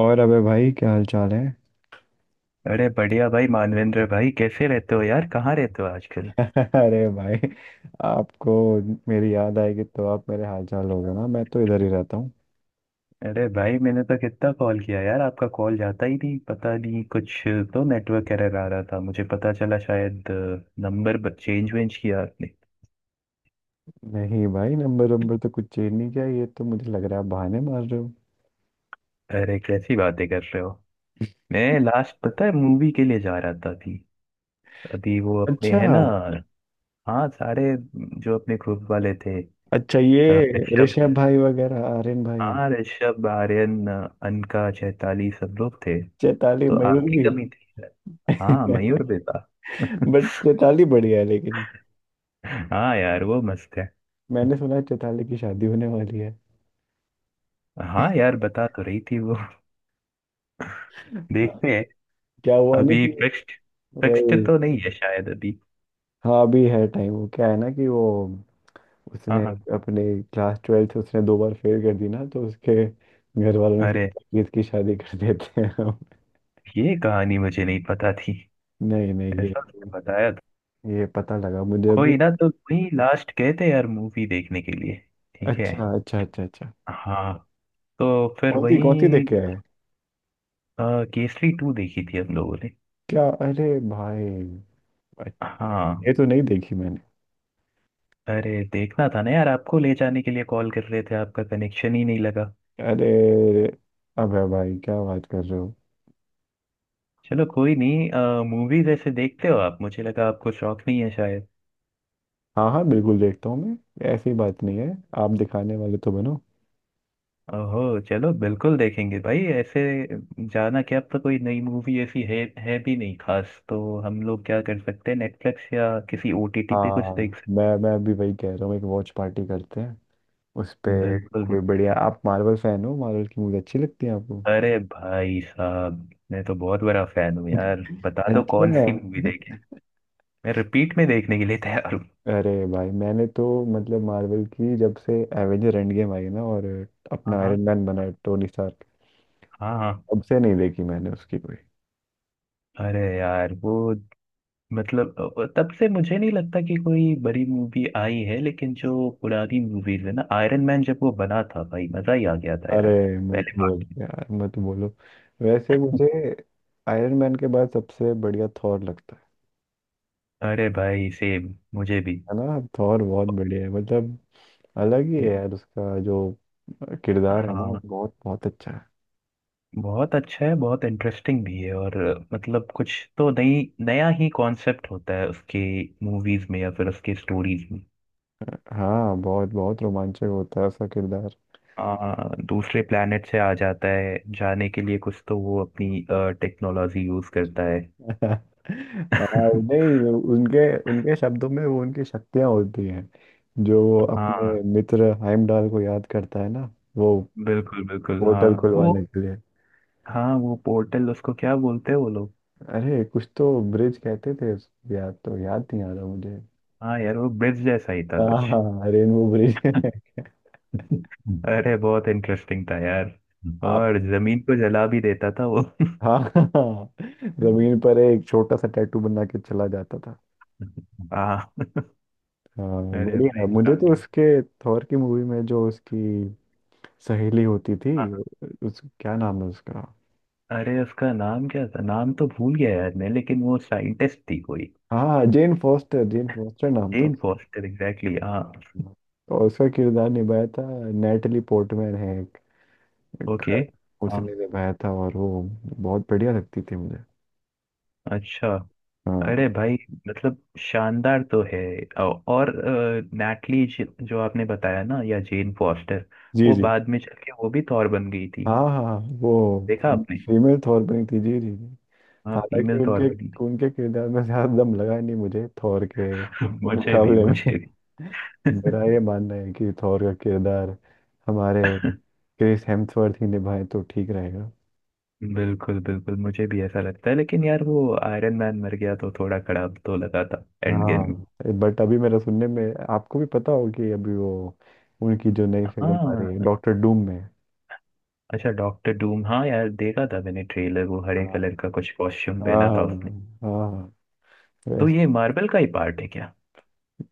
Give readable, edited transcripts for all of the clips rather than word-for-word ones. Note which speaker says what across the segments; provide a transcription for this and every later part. Speaker 1: और अबे भाई क्या हाल चाल है।
Speaker 2: अरे बढ़िया भाई। मानवेंद्र भाई, कैसे रहते हो यार? कहाँ रहते हो आजकल?
Speaker 1: अरे भाई, आपको मेरी याद आएगी तो आप मेरे हाल चाल होगा ना। मैं तो इधर ही रहता हूँ।
Speaker 2: अरे भाई मैंने तो कितना कॉल किया यार, आपका कॉल जाता ही नहीं। पता नहीं, कुछ तो नेटवर्क एरर आ रहा था मुझे पता चला शायद। नंबर चेंज वेंज किया आपने?
Speaker 1: नहीं भाई, नंबर नंबर तो कुछ चेंज नहीं किया। ये तो मुझे लग रहा है आप बहाने मार रहे हो।
Speaker 2: अरे कैसी बातें कर रहे हो। मैं लास्ट पता है मूवी के लिए जा रहा था अभी अभी, वो अपने
Speaker 1: अच्छा,
Speaker 2: है ना। हाँ सारे, जो अपने ग्रुप वाले थे।
Speaker 1: अच्छा। ये
Speaker 2: ऋषभ,
Speaker 1: ऋषभ भाई वगैरह, आर्यन भाई?
Speaker 2: हाँ ऋषभ, आर्यन, अनका, चैताली, सब लोग थे।
Speaker 1: चैताली,
Speaker 2: तो
Speaker 1: मयूर
Speaker 2: आपकी
Speaker 1: भी?
Speaker 2: कमी थी सर। हाँ मयूर बेता।
Speaker 1: बट चैताली बढ़िया है लेकिन।
Speaker 2: हाँ यार वो मस्त है।
Speaker 1: मैंने सुना है चैताली की शादी होने वाली है।
Speaker 2: हाँ यार बता तो रही थी वो।
Speaker 1: हाँ।
Speaker 2: देखते हैं।
Speaker 1: क्या हुआ ना
Speaker 2: अभी
Speaker 1: कि
Speaker 2: फिक्स्ड,
Speaker 1: वही,
Speaker 2: फिक्स्ड तो नहीं है शायद अभी।
Speaker 1: हाँ। अभी है टाइम। वो क्या है ना कि वो
Speaker 2: हाँ
Speaker 1: उसने
Speaker 2: हाँ।
Speaker 1: अपने क्लास ट्वेल्थ उसने दो बार फेल कर दी ना, तो उसके घर वालों ने
Speaker 2: अरे,
Speaker 1: सोचा कि इसकी शादी कर देते हैं हम।
Speaker 2: ये कहानी मुझे नहीं पता थी।
Speaker 1: नहीं नहीं, ये
Speaker 2: ऐसा उसने बताया था।
Speaker 1: ये पता लगा मुझे अभी।
Speaker 2: कोई ना, तो वही लास्ट गए थे यार मूवी देखने के लिए। ठीक है।
Speaker 1: अच्छा, अच्छा, अच्छा, अच्छा।
Speaker 2: हाँ, तो फिर वही।
Speaker 1: कौन सी देख के आए हैं?
Speaker 2: केसरी टू देखी थी हम लोगों ने।
Speaker 1: क्या? अरे भाई,
Speaker 2: हाँ।
Speaker 1: ये तो नहीं देखी मैंने।
Speaker 2: अरे देखना था ना यार, आपको ले जाने के लिए कॉल कर रहे थे, आपका कनेक्शन ही नहीं लगा।
Speaker 1: अरे, अबे भाई, क्या बात कर रहे हो?
Speaker 2: चलो कोई नहीं। मूवी जैसे देखते हो आप, मुझे लगा आपको शौक नहीं है शायद।
Speaker 1: हाँ हाँ, बिल्कुल देखता हूँ मैं। ऐसी बात नहीं है। आप दिखाने वाले तो बनो।
Speaker 2: ओहो चलो बिल्कुल देखेंगे भाई। ऐसे जाना क्या, अब तो कोई नई मूवी ऐसी है भी नहीं खास, तो हम लोग क्या कर सकते हैं, नेटफ्लिक्स या किसी ओटीटी पे कुछ
Speaker 1: हाँ,
Speaker 2: देख सकते
Speaker 1: मैं अभी वही कह रहा हूँ, एक वॉच पार्टी करते हैं उस पे।
Speaker 2: हैं। बिल्कुल।
Speaker 1: कोई बढ़िया, आप मार्वल फैन हो? मार्वल की मूवी अच्छी लगती है आपको?
Speaker 2: अरे भाई साहब, मैं तो बहुत बड़ा फैन हूँ यार। बता दो कौन सी
Speaker 1: अच्छा।
Speaker 2: मूवी देखी, मैं रिपीट में देखने के लिए तैयार हूँ।
Speaker 1: अरे भाई, मैंने तो, मतलब मार्वल की जब से एवेंजर एंड गेम आई ना, और
Speaker 2: हाँ
Speaker 1: अपना
Speaker 2: हाँ।
Speaker 1: आयरन मैन बना है टोनी स्टार्क,
Speaker 2: हाँ हाँ।
Speaker 1: तब से नहीं देखी मैंने उसकी कोई।
Speaker 2: अरे यार वो, मतलब तब से मुझे नहीं लगता कि कोई बड़ी मूवी आई है, लेकिन जो पुरानी मूवीज है ना, आयरन मैन जब वो बना था भाई मजा ही आ गया था
Speaker 1: अरे,
Speaker 2: यार।
Speaker 1: मत
Speaker 2: पहले
Speaker 1: बोल
Speaker 2: part
Speaker 1: यार, मत बोलो। वैसे
Speaker 2: में।
Speaker 1: मुझे आयरन मैन के बाद सबसे बढ़िया थॉर लगता है।
Speaker 2: अरे भाई सेम मुझे भी।
Speaker 1: है ना, थॉर बहुत बढ़िया है, मतलब अलग ही है
Speaker 2: म-
Speaker 1: यार। उसका जो किरदार है ना,
Speaker 2: हाँ
Speaker 1: बहुत बहुत अच्छा है।
Speaker 2: बहुत अच्छा है, बहुत इंटरेस्टिंग भी है और मतलब कुछ तो नई नया ही कॉन्सेप्ट होता है उसके मूवीज में या फिर उसके स्टोरीज में।
Speaker 1: हाँ, बहुत बहुत रोमांचक होता है उसका किरदार।
Speaker 2: दूसरे प्लेनेट से आ जाता है, जाने के लिए कुछ तो वो अपनी टेक्नोलॉजी यूज करता है।
Speaker 1: हाँ।
Speaker 2: हाँ।
Speaker 1: नहीं, उनके उनके शब्दों में वो उनकी शक्तियां होती हैं। जो अपने मित्र हाइमडाल को याद करता है ना, वो
Speaker 2: बिल्कुल बिल्कुल।
Speaker 1: पोर्टल, हाँ,
Speaker 2: हाँ तो वो,
Speaker 1: खुलवाने के लिए।
Speaker 2: हाँ वो पोर्टल उसको क्या बोलते हैं वो लोग?
Speaker 1: अरे, कुछ तो ब्रिज कहते थे उसको, याद तो याद नहीं आ रहा मुझे।
Speaker 2: हाँ यार वो ब्रिज जैसा ही था
Speaker 1: हाँ
Speaker 2: कुछ।
Speaker 1: हाँ हाँ, रेनबो ब्रिज।
Speaker 2: अरे बहुत इंटरेस्टिंग था यार।
Speaker 1: आप।
Speaker 2: और जमीन को जला भी देता था वो।
Speaker 1: हाँ हाँ, हाँ, जमीन पर एक छोटा सा टैटू बना के चला जाता था।
Speaker 2: हाँ।
Speaker 1: हाँ,
Speaker 2: अरे भाई
Speaker 1: बढ़िया। मुझे तो
Speaker 2: शानदार।
Speaker 1: उसके, थॉर की मूवी में जो उसकी सहेली होती थी
Speaker 2: हाँ।
Speaker 1: उस, क्या नाम है उसका?
Speaker 2: अरे उसका नाम क्या था, नाम तो भूल गया यार मैं, लेकिन वो साइंटिस्ट थी कोई।
Speaker 1: हाँ, जेन फोस्टर, जेन फोस्टर नाम था
Speaker 2: जेन
Speaker 1: उसका।
Speaker 2: फॉस्टर, एग्जैक्टली, हाँ।
Speaker 1: तो उसका किरदार निभाया था नेटली पोर्टमैन है, एक
Speaker 2: ओके।
Speaker 1: एक-
Speaker 2: हाँ।
Speaker 1: उसने निभाया था, और वो बहुत बढ़िया लगती थी मुझे।
Speaker 2: अच्छा।
Speaker 1: हाँ,
Speaker 2: अरे भाई, मतलब शानदार तो है। और नैटली, जो आपने बताया ना, या जेन फॉस्टर,
Speaker 1: जी
Speaker 2: वो
Speaker 1: जी,
Speaker 2: बाद में चल के वो भी थॉर बन गई थी,
Speaker 1: हाँ हाँ, वो
Speaker 2: देखा आपने?
Speaker 1: फीमेल थॉरबिन थी जी जी जी।
Speaker 2: हाँ
Speaker 1: हालांकि
Speaker 2: फीमेल थॉर
Speaker 1: उनके
Speaker 2: बनी थी।
Speaker 1: उनके किरदार में ज्यादा दम लगा नहीं मुझे, थॉर के
Speaker 2: मुझे भी,
Speaker 1: मुकाबले में।
Speaker 2: मुझे भी।
Speaker 1: मेरा ये मानना है कि थॉर का किरदार हमारे क्रिस हेम्सवर्थ ही निभाए तो ठीक रहेगा।
Speaker 2: बिल्कुल बिल्कुल, मुझे भी ऐसा लगता है, लेकिन यार वो आयरन मैन मर गया तो थोड़ा खराब तो लगा था एंड गेम
Speaker 1: हाँ।
Speaker 2: में।
Speaker 1: बट अभी मेरा सुनने में, आपको भी पता हो कि अभी वो, उनकी जो नई फिल्म आ रही है
Speaker 2: हाँ।
Speaker 1: डॉक्टर डूम में।
Speaker 2: अच्छा डॉक्टर डूम, हाँ यार देखा था मैंने ट्रेलर, वो हरे
Speaker 1: हाँ
Speaker 2: कलर का कुछ कॉस्ट्यूम
Speaker 1: हाँ
Speaker 2: पहना था उसने।
Speaker 1: हाँ।
Speaker 2: तो ये
Speaker 1: वैसे
Speaker 2: मार्वल का ही पार्ट है क्या?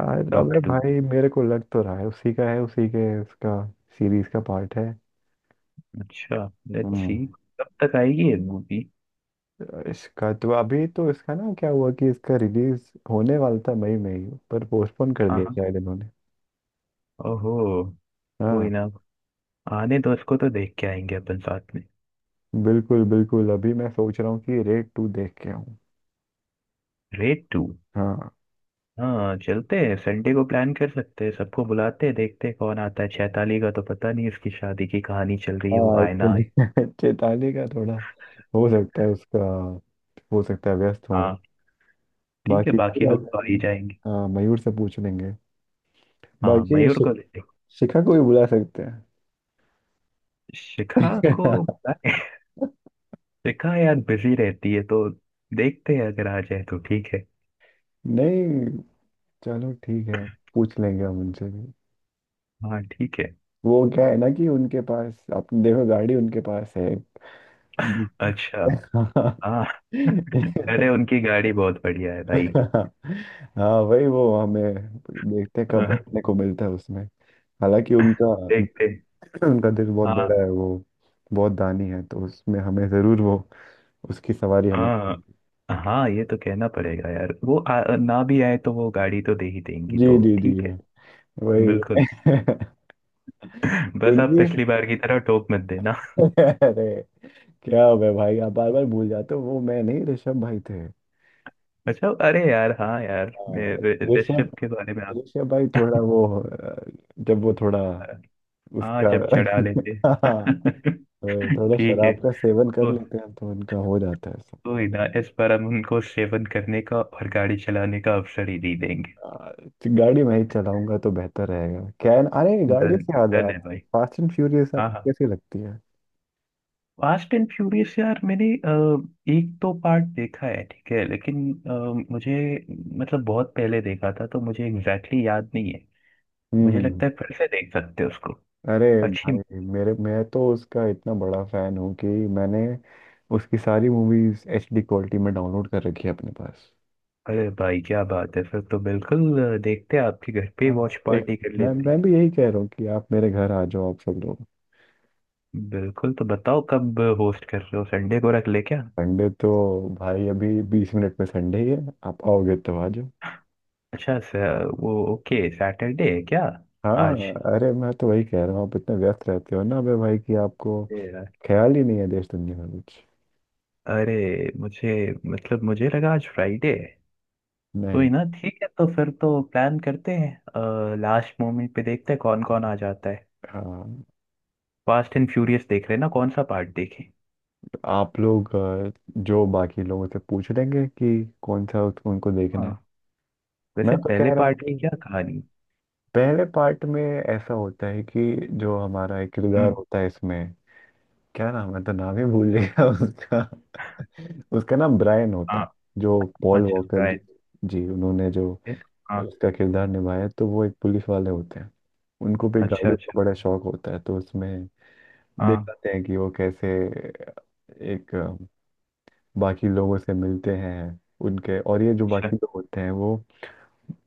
Speaker 1: आज अबे
Speaker 2: डॉक्टर डूम।
Speaker 1: भाई, मेरे को लग तो रहा है उसी का है, उसी के उसका सीरीज का पार्ट है।
Speaker 2: अच्छा। लेट्स सी,
Speaker 1: हम्म।
Speaker 2: कब तक आएगी ये मूवी?
Speaker 1: इसका तो, अभी तो इसका ना, क्या हुआ कि इसका रिलीज होने वाला था मई में ही, पर पोस्टपोन कर
Speaker 2: हाँ
Speaker 1: दिया
Speaker 2: हाँ।
Speaker 1: शायद इन्होंने।
Speaker 2: ओहो।
Speaker 1: हाँ,
Speaker 2: वही ना। आने दो उसको, तो देख के आएंगे अपन साथ में।
Speaker 1: बिल्कुल बिल्कुल, अभी मैं सोच रहा हूँ कि रेड टू देख के आऊँ।
Speaker 2: Red to.
Speaker 1: हाँ
Speaker 2: हाँ चलते हैं, संडे को प्लान कर सकते हैं, सबको बुलाते हैं, देखते हैं कौन आता है। चैताली का तो पता नहीं, उसकी शादी की कहानी चल रही है, वो
Speaker 1: हाँ।
Speaker 2: आए ना आए।
Speaker 1: चेताली का थोड़ा, हो सकता है उसका, हो सकता है व्यस्त हो।
Speaker 2: हाँ ठीक है,
Speaker 1: बाकी कोई
Speaker 2: बाकी लोग
Speaker 1: बात
Speaker 2: तो आ ही
Speaker 1: नहीं।
Speaker 2: जाएंगे।
Speaker 1: हाँ, मयूर से पूछ लेंगे।
Speaker 2: हाँ
Speaker 1: बाकी
Speaker 2: मयूर को लेते हैं।
Speaker 1: शिखा को भी बुला सकते हैं।
Speaker 2: शिखा को बुलाएं। शिखा यार बिजी रहती है तो देखते हैं, अगर आ जाए तो ठीक है।
Speaker 1: नहीं, चलो ठीक है, पूछ लेंगे हम उनसे भी।
Speaker 2: हाँ ठीक है।
Speaker 1: वो क्या है ना कि उनके पास, आपने देखो, गाड़ी उनके पास है।
Speaker 2: अच्छा।
Speaker 1: हाँ
Speaker 2: हाँ। अरे उनकी गाड़ी बहुत बढ़िया है भाई।
Speaker 1: हाँ, वही। वो हमें, देखते हैं कब
Speaker 2: अह,
Speaker 1: बैठने को मिलता है उसमें। हालांकि उनका
Speaker 2: देखते।
Speaker 1: उनका दिल बहुत
Speaker 2: हाँ
Speaker 1: बड़ा है, वो बहुत दानी है, तो उसमें हमें जरूर वो, उसकी सवारी हमें
Speaker 2: हाँ।
Speaker 1: करेंगे।
Speaker 2: हाँ ये तो कहना पड़ेगा यार वो ना भी आए तो वो गाड़ी तो दे ही देंगी,
Speaker 1: जी
Speaker 2: तो
Speaker 1: जी जी,
Speaker 2: ठीक है।
Speaker 1: वही।
Speaker 2: बिल्कुल। बस आप
Speaker 1: उनकी।
Speaker 2: पिछली बार की तरह टोक मत देना।
Speaker 1: अरे, क्या हो गया भाई, आप बार बार भूल जाते हो। वो मैं नहीं, ऋषभ भाई थे।
Speaker 2: अच्छा, अरे यार हाँ यार, मैं
Speaker 1: हाँ, ऋषभ,
Speaker 2: ऋषभ के बारे में आप।
Speaker 1: ऋषभ भाई थोड़ा वो जब वो थोड़ा
Speaker 2: हाँ
Speaker 1: उसका।
Speaker 2: जब चढ़ा लेते।
Speaker 1: हाँ, तो थोड़ा
Speaker 2: ठीक है।
Speaker 1: शराब का सेवन कर
Speaker 2: को,
Speaker 1: लेते हैं तो उनका हो जाता है।
Speaker 2: कोई ना, इस बार हम उनको सेवन करने का और गाड़ी चलाने का अवसर ही दे देंगे।
Speaker 1: आ, गाड़ी मैं ही चलाऊंगा तो बेहतर रहेगा। अरे, गाड़ी
Speaker 2: धन
Speaker 1: से याद है,
Speaker 2: धन है
Speaker 1: आप
Speaker 2: भाई।
Speaker 1: फास्ट एंड फ्यूरियस
Speaker 2: हाँ
Speaker 1: आपको
Speaker 2: हाँ।
Speaker 1: कैसी लगती है?
Speaker 2: फास्ट एंड फ्यूरियस यार मैंने एक दो पार्ट देखा है, ठीक है, लेकिन मुझे मतलब बहुत पहले देखा था, तो मुझे एग्जैक्टली याद नहीं है।
Speaker 1: हम्म
Speaker 2: मुझे
Speaker 1: हम्म।
Speaker 2: लगता है फिर से देख सकते हैं उसको।
Speaker 1: अरे
Speaker 2: अच्छी।
Speaker 1: भाई, मेरे मैं तो उसका इतना बड़ा फैन हूँ कि मैंने उसकी सारी मूवीज एचडी क्वालिटी में डाउनलोड कर रखी है अपने पास।
Speaker 2: अरे भाई क्या बात है, फिर तो बिल्कुल, देखते हैं आपके घर पे
Speaker 1: हाँ,
Speaker 2: वॉच
Speaker 1: एक,
Speaker 2: पार्टी कर
Speaker 1: मैं
Speaker 2: लेते हैं।
Speaker 1: मैं भी यही कह रहा हूँ कि आप मेरे घर आ जाओ, आप सब लोग।
Speaker 2: बिल्कुल, तो बताओ कब होस्ट कर रहे हो, संडे को रख ले क्या?
Speaker 1: संडे तो भाई, अभी 20 मिनट में संडे ही है। आप आओगे तो आ जाओ।
Speaker 2: अच्छा स- वो, ओके सैटरडे है क्या
Speaker 1: हाँ हाँ,
Speaker 2: आज?
Speaker 1: अरे मैं तो वही कह रहा हूँ, आप इतने व्यस्त रहते हो ना अबे भाई कि आपको
Speaker 2: ए यार,
Speaker 1: ख्याल ही नहीं है देश दुनिया का कुछ।
Speaker 2: अरे मुझे मतलब मुझे लगा आज फ्राइडे है।
Speaker 1: नहीं।
Speaker 2: कोई ना ठीक है, तो फिर तो प्लान करते हैं, लास्ट मोमेंट पे देखते हैं कौन कौन आ जाता है।
Speaker 1: हाँ।
Speaker 2: फास्ट एंड फ्यूरियस देख रहे हैं ना, कौन सा पार्ट देखें?
Speaker 1: आप लोग जो बाकी लोगों से पूछ लेंगे कि कौन सा उनको देखना
Speaker 2: हाँ,
Speaker 1: है। मैं
Speaker 2: वैसे
Speaker 1: तो
Speaker 2: पहले
Speaker 1: कह रहा हूँ
Speaker 2: पार्ट की
Speaker 1: कि
Speaker 2: क्या कहानी?
Speaker 1: पहले पार्ट में ऐसा होता है कि जो हमारा एक किरदार
Speaker 2: हम्म।
Speaker 1: होता है इसमें, क्या नाम है, तो नाम ही भूल गया। उसका उसका नाम ब्रायन होता
Speaker 2: हाँ।
Speaker 1: है। जो पॉल
Speaker 2: अच्छा
Speaker 1: वॉकर जी,
Speaker 2: राइट।
Speaker 1: जी, उन्होंने जो
Speaker 2: हाँ।
Speaker 1: उसका किरदार निभाया, तो वो एक पुलिस वाले होते हैं। उनको भी
Speaker 2: अच्छा
Speaker 1: गाड़ियों
Speaker 2: अच्छा।
Speaker 1: का बड़ा शौक होता है, तो उसमें देख
Speaker 2: हाँ।
Speaker 1: पाते हैं कि वो कैसे, एक बाकी लोगों से मिलते हैं उनके। और ये जो
Speaker 2: अच्छा।
Speaker 1: बाकी लोग होते हैं, वो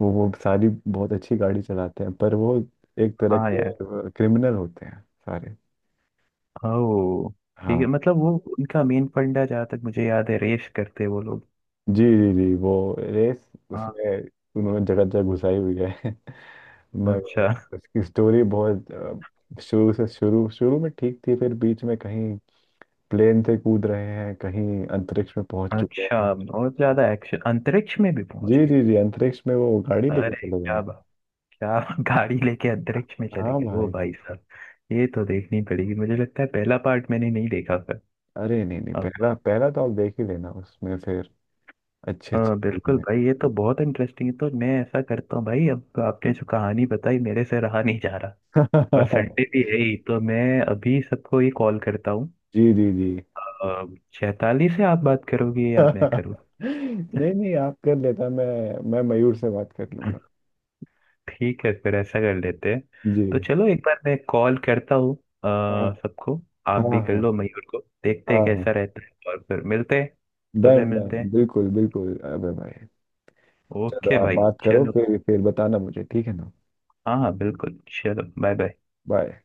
Speaker 1: वो वो सारी बहुत अच्छी गाड़ी चलाते हैं, पर वो एक तरह
Speaker 2: हाँ यार।
Speaker 1: के क्रिमिनल होते हैं सारे।
Speaker 2: ओ ठीक
Speaker 1: हाँ,
Speaker 2: है, मतलब वो उनका मेन फंडा जहाँ तक मुझे याद है रेस करते वो लोग।
Speaker 1: जी जी जी। वो रेस
Speaker 2: हाँ।
Speaker 1: उसमें उन्होंने जगह जगह घुसाई हुई है। मगर
Speaker 2: अच्छा
Speaker 1: उसकी स्टोरी बहुत शुरू शुरू में ठीक थी, फिर बीच में कहीं प्लेन से कूद रहे हैं, कहीं अंतरिक्ष में पहुंच चुके
Speaker 2: अच्छा।
Speaker 1: हैं।
Speaker 2: और ज्यादा एक्शन, अंतरिक्ष में भी पहुंच
Speaker 1: जी
Speaker 2: गए?
Speaker 1: जी जी, अंतरिक्ष में वो गाड़ी लेके
Speaker 2: अरे
Speaker 1: चले गए
Speaker 2: क्या
Speaker 1: हैं।
Speaker 2: बात, क्या, गाड़ी लेके अंतरिक्ष में चले
Speaker 1: हाँ
Speaker 2: गए वो
Speaker 1: भाई।
Speaker 2: भाई साहब। ये तो देखनी पड़ेगी, मुझे लगता है पहला पार्ट मैंने नहीं देखा था।
Speaker 1: अरे नहीं नहीं,
Speaker 2: हाँ।
Speaker 1: पहला पहला तो आप देख ही लेना, उसमें फिर अच्छे अच्छे
Speaker 2: हाँ,
Speaker 1: movie
Speaker 2: बिल्कुल
Speaker 1: में।
Speaker 2: भाई ये तो बहुत इंटरेस्टिंग है, तो मैं ऐसा करता हूँ भाई, अब तो आपने जो कहानी बताई मेरे से रहा नहीं जा रहा, और संडे भी है ही तो मैं अभी सबको ये कॉल करता हूँ।
Speaker 1: जी जी जी।
Speaker 2: अ, चैताली से आप बात करोगे या मैं करूँ?
Speaker 1: नहीं नहीं, आप कर, लेता मैं मयूर से बात कर लूंगा।
Speaker 2: ठीक है फिर ऐसा कर लेते हैं। तो
Speaker 1: जी।
Speaker 2: चलो एक बार मैं कॉल करता हूँ अ,
Speaker 1: हाँ
Speaker 2: सबको। आप
Speaker 1: हाँ,
Speaker 2: भी कर
Speaker 1: हाँ
Speaker 2: लो मयूर को, देखते हैं
Speaker 1: हाँ
Speaker 2: कैसा
Speaker 1: हाँ,
Speaker 2: रहता है और फिर मिलते हैं। सुबह
Speaker 1: डन डन,
Speaker 2: मिलते हैं।
Speaker 1: बिल्कुल बिल्कुल अबे भाई। चलो
Speaker 2: ओके
Speaker 1: आप
Speaker 2: भाई।
Speaker 1: बात करो,
Speaker 2: चलो,
Speaker 1: फिर बताना मुझे, ठीक है ना?
Speaker 2: हाँ हाँ बिल्कुल। चलो बाय बाय।
Speaker 1: बाय।